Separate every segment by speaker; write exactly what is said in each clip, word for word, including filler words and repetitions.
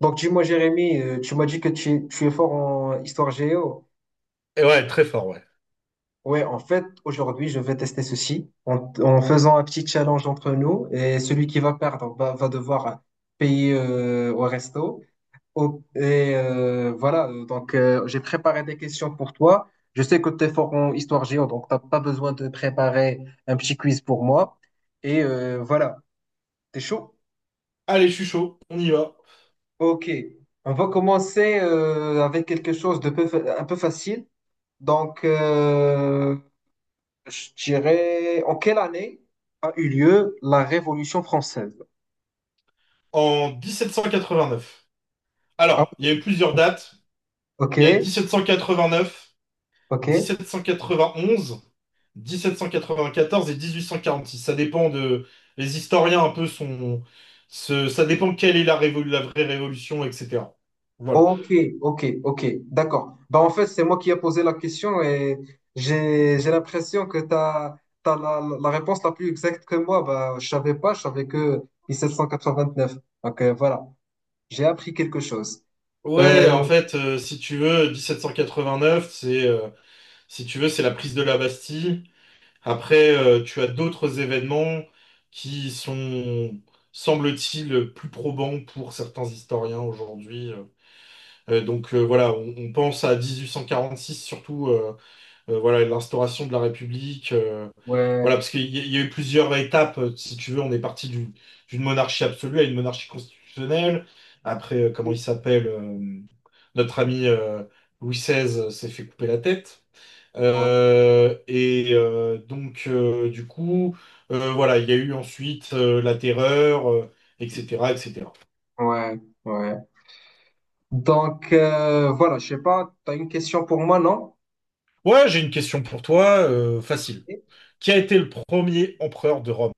Speaker 1: Donc, dis-moi, Jérémy, euh, tu m'as dit que tu, tu es fort en histoire géo.
Speaker 2: Et ouais, très fort, ouais.
Speaker 1: Ouais, en fait, aujourd'hui, je vais tester ceci en, en faisant un petit challenge entre nous. Et celui qui va perdre va, va devoir payer euh, au resto. Au- et euh, voilà, euh, donc euh, j'ai préparé des questions pour toi. Je sais que tu es fort en histoire géo, donc t'as pas besoin de préparer un petit quiz pour moi. Et euh, voilà, t'es chaud?
Speaker 2: Allez, je suis chaud, on y va.
Speaker 1: Ok, on va commencer euh, avec quelque chose de peu fa- un peu facile. Donc, euh, je dirais, en quelle année a eu lieu la Révolution française?
Speaker 2: En mille sept cent quatre-vingt-neuf.
Speaker 1: Ah,
Speaker 2: Alors, il y a eu plusieurs dates.
Speaker 1: ok,
Speaker 2: Il y a mille sept cent quatre-vingt-neuf,
Speaker 1: ok,
Speaker 2: dix-sept cent quatre-vingt-onze, dix-sept cent quatre-vingt-quatorze et dix-huit cent quarante-six. Ça dépend de... Les historiens un peu sont... ce- Ça dépend quelle est la, révo- la vraie révolution, et cetera. Voilà.
Speaker 1: ok, ok, ok, d'accord. Bah, en fait, c'est moi qui ai posé la question et j'ai j'ai l'impression que tu as la, la réponse la plus exacte que moi. Bah, je savais pas, je savais que mille sept cent quatre-vingt-neuf. Donc, euh, voilà, j'ai appris quelque chose.
Speaker 2: Ouais, en
Speaker 1: Euh,
Speaker 2: fait, euh, si tu veux, dix-sept cent quatre-vingt-neuf, c'est, euh, si tu veux, c'est la prise de la Bastille. Après, euh, tu as d'autres événements qui sont, semble-t-il, plus probants pour certains historiens aujourd'hui. Euh, Euh, donc euh, voilà, on, on pense à mille huit cent quarante-six, surtout euh, euh, voilà, l'instauration de la République. euh,
Speaker 1: ouais.
Speaker 2: voilà, parce qu'il y, a il y a eu plusieurs étapes, euh, si tu veux. On est parti du- d'une monarchie absolue à une monarchie constitutionnelle. Après, euh, comment il s'appelle, euh, notre ami, euh, Louis seize, s'est fait couper la tête.
Speaker 1: Ouais,
Speaker 2: Euh, et euh, donc, euh, du coup, euh, voilà, il y a eu ensuite, euh, la terreur, euh, et cetera, et cetera.
Speaker 1: ouais. Ouais. Donc, euh, voilà, je sais pas, tu as une question pour moi, non?
Speaker 2: Ouais, j'ai une question pour toi, euh, facile. Qui a été le premier empereur de Rome?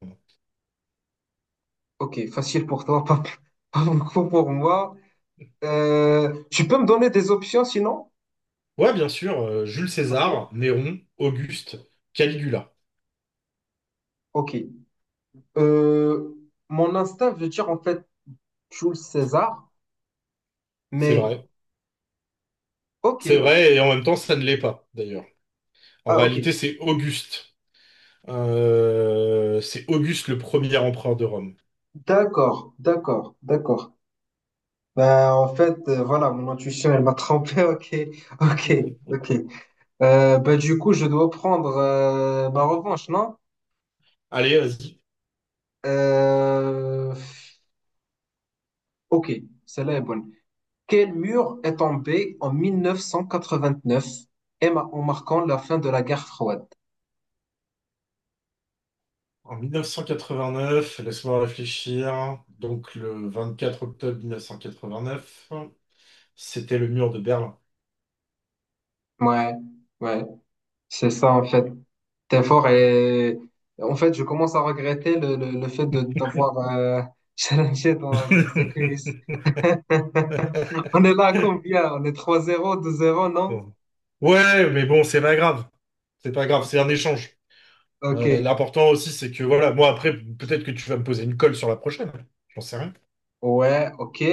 Speaker 1: Ok, facile pour toi, pas, pas beaucoup pour moi. Euh, tu peux me donner des options sinon?
Speaker 2: Ouais, bien sûr, euh, Jules
Speaker 1: Ok.
Speaker 2: César, Néron, Auguste, Caligula.
Speaker 1: Ok. Euh, mon instinct veut dire en fait Jules César,
Speaker 2: C'est
Speaker 1: mais
Speaker 2: vrai.
Speaker 1: ok.
Speaker 2: C'est vrai, et en même temps, ça ne l'est pas, d'ailleurs. En
Speaker 1: Ah, ok.
Speaker 2: réalité, c'est Auguste. Euh, c'est Auguste le premier empereur de Rome.
Speaker 1: D'accord, d'accord, d'accord. Ben, en fait, euh, voilà, mon intuition, elle m'a trompé. Ok, ok, ok. Euh, ben, du coup, je dois prendre euh, ma revanche, non?
Speaker 2: Allez, vas-y.
Speaker 1: Euh, ok, celle-là est bonne. Quel mur est tombé en mille neuf cent quatre-vingt-neuf et ma- en marquant la fin de la guerre froide?
Speaker 2: En mille neuf cent quatre-vingt-neuf, laisse-moi réfléchir. Donc, le vingt-quatre octobre mille neuf cent quatre-vingt-neuf, c'était le mur de Berlin.
Speaker 1: Ouais, ouais, c'est ça en fait. T'es fort et en fait, je commence à regretter le, le, le fait de d'avoir euh, challengé dans, dans ce quiz. On est là à combien? On est trois zéro, deux zéro, non?
Speaker 2: Bon. Ouais, mais bon, c'est pas grave. C'est pas grave, c'est un
Speaker 1: Ok.
Speaker 2: échange.
Speaker 1: Ok.
Speaker 2: Ouais, l'important aussi, c'est que voilà, moi après, peut-être que tu vas me poser une colle sur la prochaine. J'en sais rien.
Speaker 1: Ouais, ok.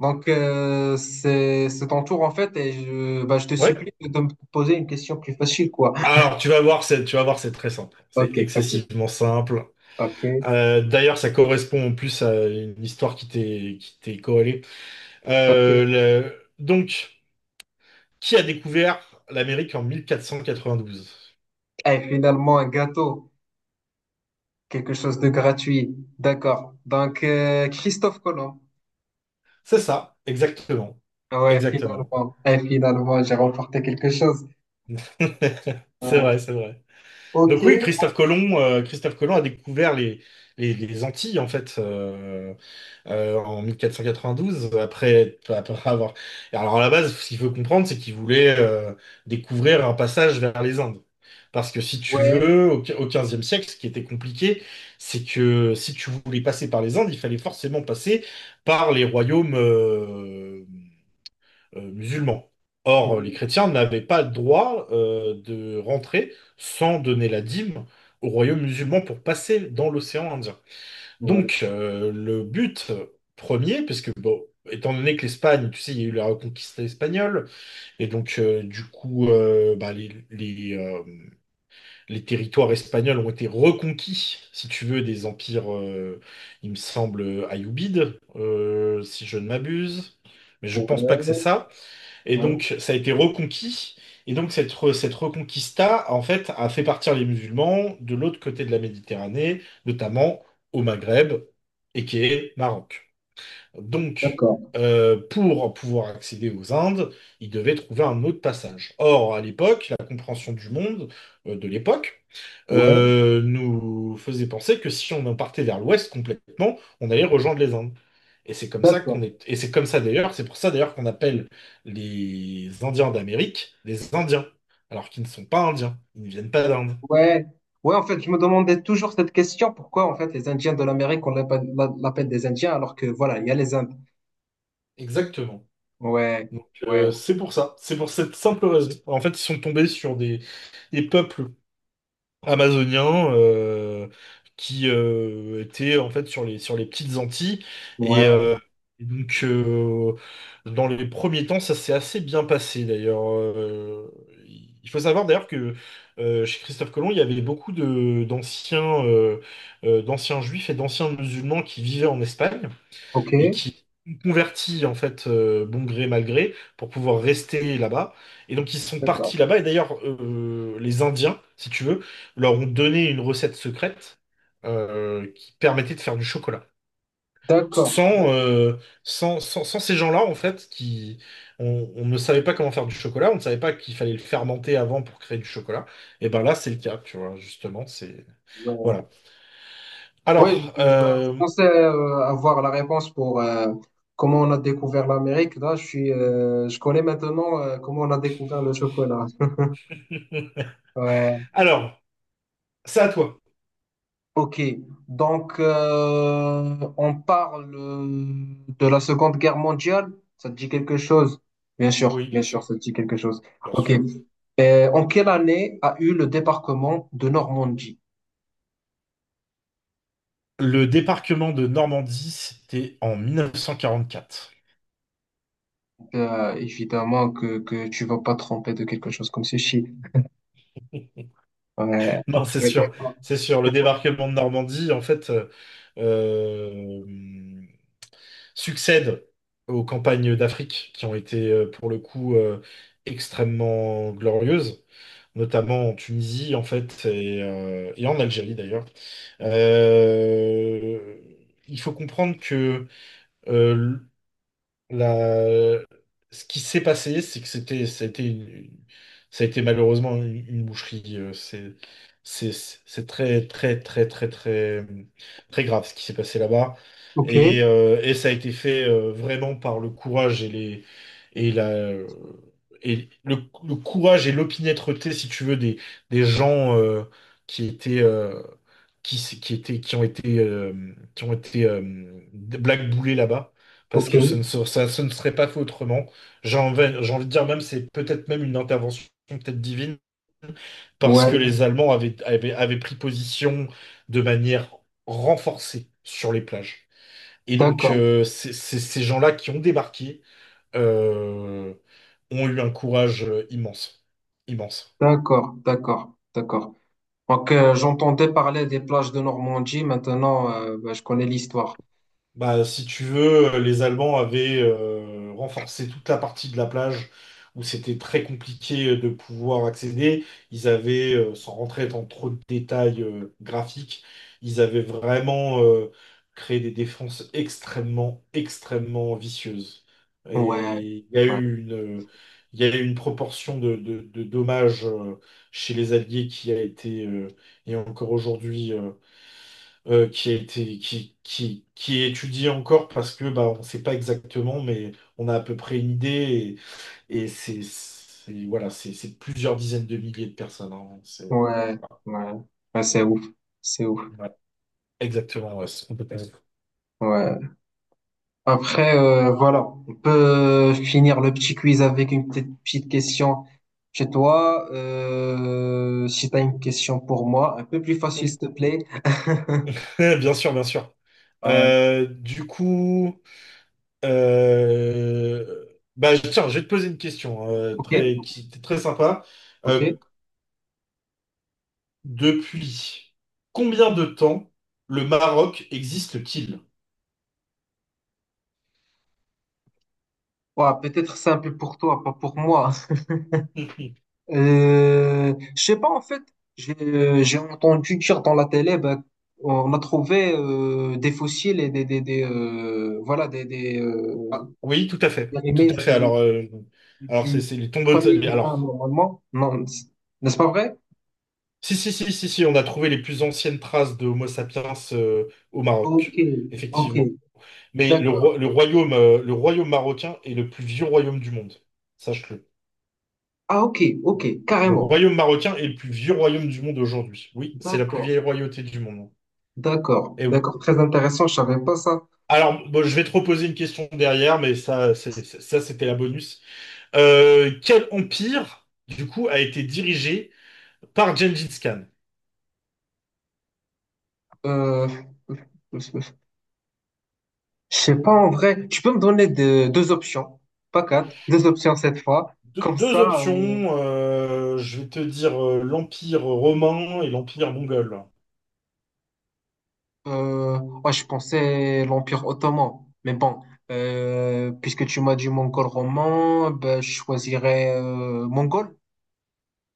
Speaker 1: Donc, euh, c'est c'est ton tour en fait, et je, bah, je te supplie
Speaker 2: Ouais.
Speaker 1: de me poser une question plus facile, quoi.
Speaker 2: Alors, tu vas voir, c'est, tu vas voir, c'est très simple. C'est
Speaker 1: Ok, ok,
Speaker 2: excessivement simple.
Speaker 1: ok,
Speaker 2: Euh, d'ailleurs, ça correspond en plus à une histoire qui t'est, qui t'est corrélée. Euh,
Speaker 1: ok.
Speaker 2: le- Donc, qui a découvert l'Amérique en mille quatre quatre-vingt cent douze?
Speaker 1: Et finalement, un gâteau, quelque chose de gratuit. D'accord. Donc, euh, Christophe Colomb.
Speaker 2: C'est ça, exactement.
Speaker 1: Ouais,
Speaker 2: Exactement.
Speaker 1: finalement. Et finalement, j'ai remporté quelque chose.
Speaker 2: C'est
Speaker 1: Euh,
Speaker 2: vrai, c'est vrai.
Speaker 1: ok,
Speaker 2: Donc oui, Christophe Colomb, euh, Christophe Colomb a découvert les, les, les Antilles, en fait. euh, euh, en mille quatre cent quatre-vingt-douze, après, après avoir... Et Alors à la base, ce qu'il faut comprendre, c'est qu'ils voulaient, euh, découvrir un passage vers les Indes. Parce que si tu
Speaker 1: ouais,
Speaker 2: veux, au au quinzième siècle, ce qui était compliqué, c'est que si tu voulais passer par les Indes, il fallait forcément passer par les royaumes, euh, euh, musulmans. Or, les
Speaker 1: ouais,
Speaker 2: chrétiens n'avaient pas le droit, euh, de rentrer sans donner la dîme aux royaumes musulmans pour passer dans l'océan Indien.
Speaker 1: ouais,
Speaker 2: Donc, euh, le but premier, puisque, bon, étant donné que l'Espagne, tu sais, il y a eu la reconquista espagnole, et donc, euh, du coup, euh, bah, les, les, euh, les territoires espagnols ont été reconquis, si tu veux, des empires, euh, il me semble, ayoubides, euh, si je ne m'abuse, mais je pense pas que c'est
Speaker 1: ouais,
Speaker 2: ça. Et
Speaker 1: ouais.
Speaker 2: donc, ça a été reconquis. Et donc, cette, re- cette reconquista, en fait, a fait partir les musulmans de l'autre côté de la Méditerranée, notamment au Maghreb, et qui est Maroc. Donc,
Speaker 1: D'accord,
Speaker 2: euh, pour pouvoir accéder aux Indes, il devait trouver un autre passage. Or, à l'époque, la compréhension du monde, euh, de l'époque,
Speaker 1: ouais,
Speaker 2: euh, nous faisait penser que si on en partait vers l'ouest complètement, on allait rejoindre les Indes. Et c'est comme ça qu'on
Speaker 1: d'accord.
Speaker 2: est. Et c'est comme ça d'ailleurs, c'est pour ça d'ailleurs qu'on appelle les Indiens d'Amérique des Indiens, alors qu'ils ne sont pas Indiens, ils ne viennent pas d'Inde.
Speaker 1: Ouais, ouais, en fait, je me demandais toujours cette question, pourquoi en fait les Indiens de l'Amérique, on l'appelle l'a- l'appelle des Indiens alors que voilà, il y a les Indes.
Speaker 2: Exactement.
Speaker 1: Ouais,
Speaker 2: Donc,
Speaker 1: ouais,
Speaker 2: euh, c'est pour ça, c'est pour cette simple raison. En fait, ils sont tombés sur des, des peuples amazonien, euh, qui, euh, était en fait sur les, sur les petites Antilles. Et,
Speaker 1: ouais,
Speaker 2: euh, et donc, euh, dans les premiers temps, ça s'est assez bien passé d'ailleurs. Euh, il faut savoir d'ailleurs que, euh, chez Christophe Colomb, il y avait beaucoup de, d'anciens, euh, euh, d'anciens juifs et d'anciens musulmans qui vivaient en Espagne
Speaker 1: ok,
Speaker 2: et qui ont converti en fait, euh, bon gré mal gré pour pouvoir rester là-bas. Et donc ils sont
Speaker 1: d'accord,
Speaker 2: partis là-bas. Et d'ailleurs, euh, les Indiens, si tu veux, leur ont donné une recette secrète, euh, qui permettait de faire du chocolat.
Speaker 1: d'accord,
Speaker 2: Sans,
Speaker 1: d'accord,
Speaker 2: euh, sans, sans, sans ces gens-là, en fait, qui, on, on ne savait pas comment faire du chocolat, on ne savait pas qu'il fallait le fermenter avant pour créer du chocolat. Et ben là, c'est le cas, tu vois, justement, c'est...
Speaker 1: ouais.
Speaker 2: Voilà.
Speaker 1: Ouais,
Speaker 2: Alors,
Speaker 1: je, ben, je
Speaker 2: euh,
Speaker 1: pensais euh, avoir la réponse pour euh, comment on a découvert l'Amérique. Là, je suis, euh, je connais maintenant euh, comment on a découvert le chocolat. Ouais.
Speaker 2: alors, c'est à toi.
Speaker 1: Ok, donc euh, on parle euh, de la Seconde Guerre mondiale. Ça te dit quelque chose? Bien sûr,
Speaker 2: Oui,
Speaker 1: bien
Speaker 2: bien
Speaker 1: sûr,
Speaker 2: sûr,
Speaker 1: ça te dit quelque chose.
Speaker 2: bien
Speaker 1: Ok.
Speaker 2: sûr.
Speaker 1: Euh, en quelle année a eu le débarquement de Normandie?
Speaker 2: Le débarquement de Normandie, c'était en mille neuf cent quarante-quatre.
Speaker 1: Euh, évidemment que, que tu vas pas te tromper de quelque chose comme ceci. Ouais.
Speaker 2: Non, c'est
Speaker 1: Ouais,
Speaker 2: sûr,
Speaker 1: d'accord,
Speaker 2: c'est sûr. Le
Speaker 1: d'accord.
Speaker 2: débarquement de Normandie, en fait, euh, euh, succède aux campagnes d'Afrique qui ont été, euh, pour le coup, euh, extrêmement glorieuses, notamment en Tunisie, en fait, et, euh, et en Algérie, d'ailleurs. Euh, il faut comprendre que, euh, La- ce qui s'est passé, c'est que c'était, ça a été, une- ça a été malheureusement une, une boucherie. euh, C'est, c'est, c'est très, très, très, très, très, très grave ce qui s'est passé là-bas.
Speaker 1: Ok,
Speaker 2: Et, euh, et ça a été fait, euh, vraiment par le courage et les, et la, et le, le courage et l'opiniâtreté, si tu veux, des, des gens, euh, qui étaient, euh, qui, s- qui étaient, qui ont été, euh, qui ont été euh, blackboulés là-bas, parce
Speaker 1: ok.
Speaker 2: que ce ne, se- ça, ce ne serait pas fait autrement. J'ai envie, j'ai envie de dire même, c'est peut-être même une intervention peut-être divine, parce
Speaker 1: Ouais,
Speaker 2: que les Allemands avaient, avaient, avaient pris position de manière renforcée sur les plages. Et donc,
Speaker 1: d'accord,
Speaker 2: euh, c'est- c'est- ces gens-là qui ont débarqué, euh, ont eu un courage, euh, immense. Immense.
Speaker 1: d'accord, d'accord, d'accord. Donc euh, j'entendais parler des plages de Normandie. Maintenant, euh, bah, je connais l'histoire.
Speaker 2: Bah, si tu veux, euh, les Allemands avaient, euh, renforcé toute la partie de la plage où c'était très compliqué, euh, de pouvoir accéder. Ils avaient, euh, sans rentrer dans trop de détails, euh, graphiques, ils avaient vraiment, euh, créé des défenses extrêmement, extrêmement vicieuses.
Speaker 1: Ouais,
Speaker 2: Et il y a
Speaker 1: ouais,
Speaker 2: eu une, il y a eu une proportion de, de- de dommages, euh, chez les Alliés qui a été, euh, et encore aujourd'hui, euh, euh, qui a été, qui, qui, qui est étudié encore parce que bah, on ne sait pas exactement, mais on a à peu près une idée, et, et c'est, c'est- voilà, c'est c'est plusieurs dizaines de milliers de personnes, hein. C'est-
Speaker 1: ouais,
Speaker 2: voilà.
Speaker 1: ouais, ouais, c'est ouf, c'est ouf,
Speaker 2: Ouais, exactement, ouais, c'est complètement-
Speaker 1: ouais. Après, euh, voilà, on peut finir le petit quiz avec une petite, petite question chez toi. Euh, si tu as une question pour moi, un peu plus facile, s'il te plaît.
Speaker 2: Bien sûr, bien sûr.
Speaker 1: Ouais,
Speaker 2: Euh, du coup, euh, bah, tiens, je vais te poser une question, euh,
Speaker 1: ok,
Speaker 2: très, qui est très sympa.
Speaker 1: ok.
Speaker 2: Euh, depuis combien de temps le Maroc existe-t-il?
Speaker 1: Ouais, peut-être simple pour toi, pas pour moi. Euh, je sais pas, en fait, j'ai j'ai entendu dire dans la télé, ben, on a trouvé euh, des fossiles et des, des, des, euh, voilà, des, des, euh,
Speaker 2: Ah, oui, tout à fait.
Speaker 1: les
Speaker 2: Tout à
Speaker 1: remakes
Speaker 2: fait.
Speaker 1: de, de-
Speaker 2: Alors, euh, alors c'est
Speaker 1: du
Speaker 2: c'est les tombeaux de...
Speaker 1: premier
Speaker 2: les-
Speaker 1: humain
Speaker 2: Alors,
Speaker 1: normalement. Non, c- n'est-ce pas vrai?
Speaker 2: si, si, si, si, si, on a trouvé les plus anciennes traces de Homo sapiens, euh, au
Speaker 1: Ok,
Speaker 2: Maroc,
Speaker 1: ok,
Speaker 2: effectivement. Mais le,
Speaker 1: d'accord.
Speaker 2: roi- le royaume, euh, le royaume marocain est le plus vieux royaume du monde. Sache-le.
Speaker 1: Ah, ok, ok,
Speaker 2: Le
Speaker 1: carrément.
Speaker 2: royaume marocain est le plus vieux royaume du monde aujourd'hui. Oui, c'est la plus
Speaker 1: D'accord,
Speaker 2: vieille royauté du monde.
Speaker 1: d'accord,
Speaker 2: Eh oui.
Speaker 1: d'accord. Très intéressant, je savais pas ça.
Speaker 2: Alors, bon, je vais te reposer une question derrière, mais ça, c'est- c'est- ça, c'était la bonus. Euh, quel empire, du coup, a été dirigé par Gengis Khan?
Speaker 1: Euh, je sais pas en vrai. Tu peux me donner de- deux options, pas quatre, deux options cette fois.
Speaker 2: Deux,
Speaker 1: Comme
Speaker 2: deux
Speaker 1: ça, euh,
Speaker 2: options, euh, je vais te dire, euh, l'Empire romain et l'Empire mongol.
Speaker 1: euh, ouais, je pensais l'Empire ottoman. Mais bon, euh, puisque tu m'as dit mongol roman, ben, je choisirais euh, mongol.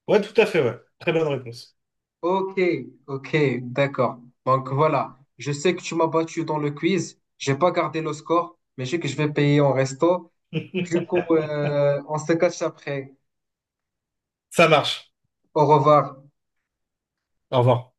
Speaker 2: Ouais, tout à fait, ouais. Très bonne réponse.
Speaker 1: Ok, ok, d'accord. Donc voilà, je sais que tu m'as battu dans le quiz. J'ai pas gardé le score, mais je sais que je vais payer en resto. Du coup, euh, on se cache après.
Speaker 2: Ça marche.
Speaker 1: Au revoir.
Speaker 2: Au revoir.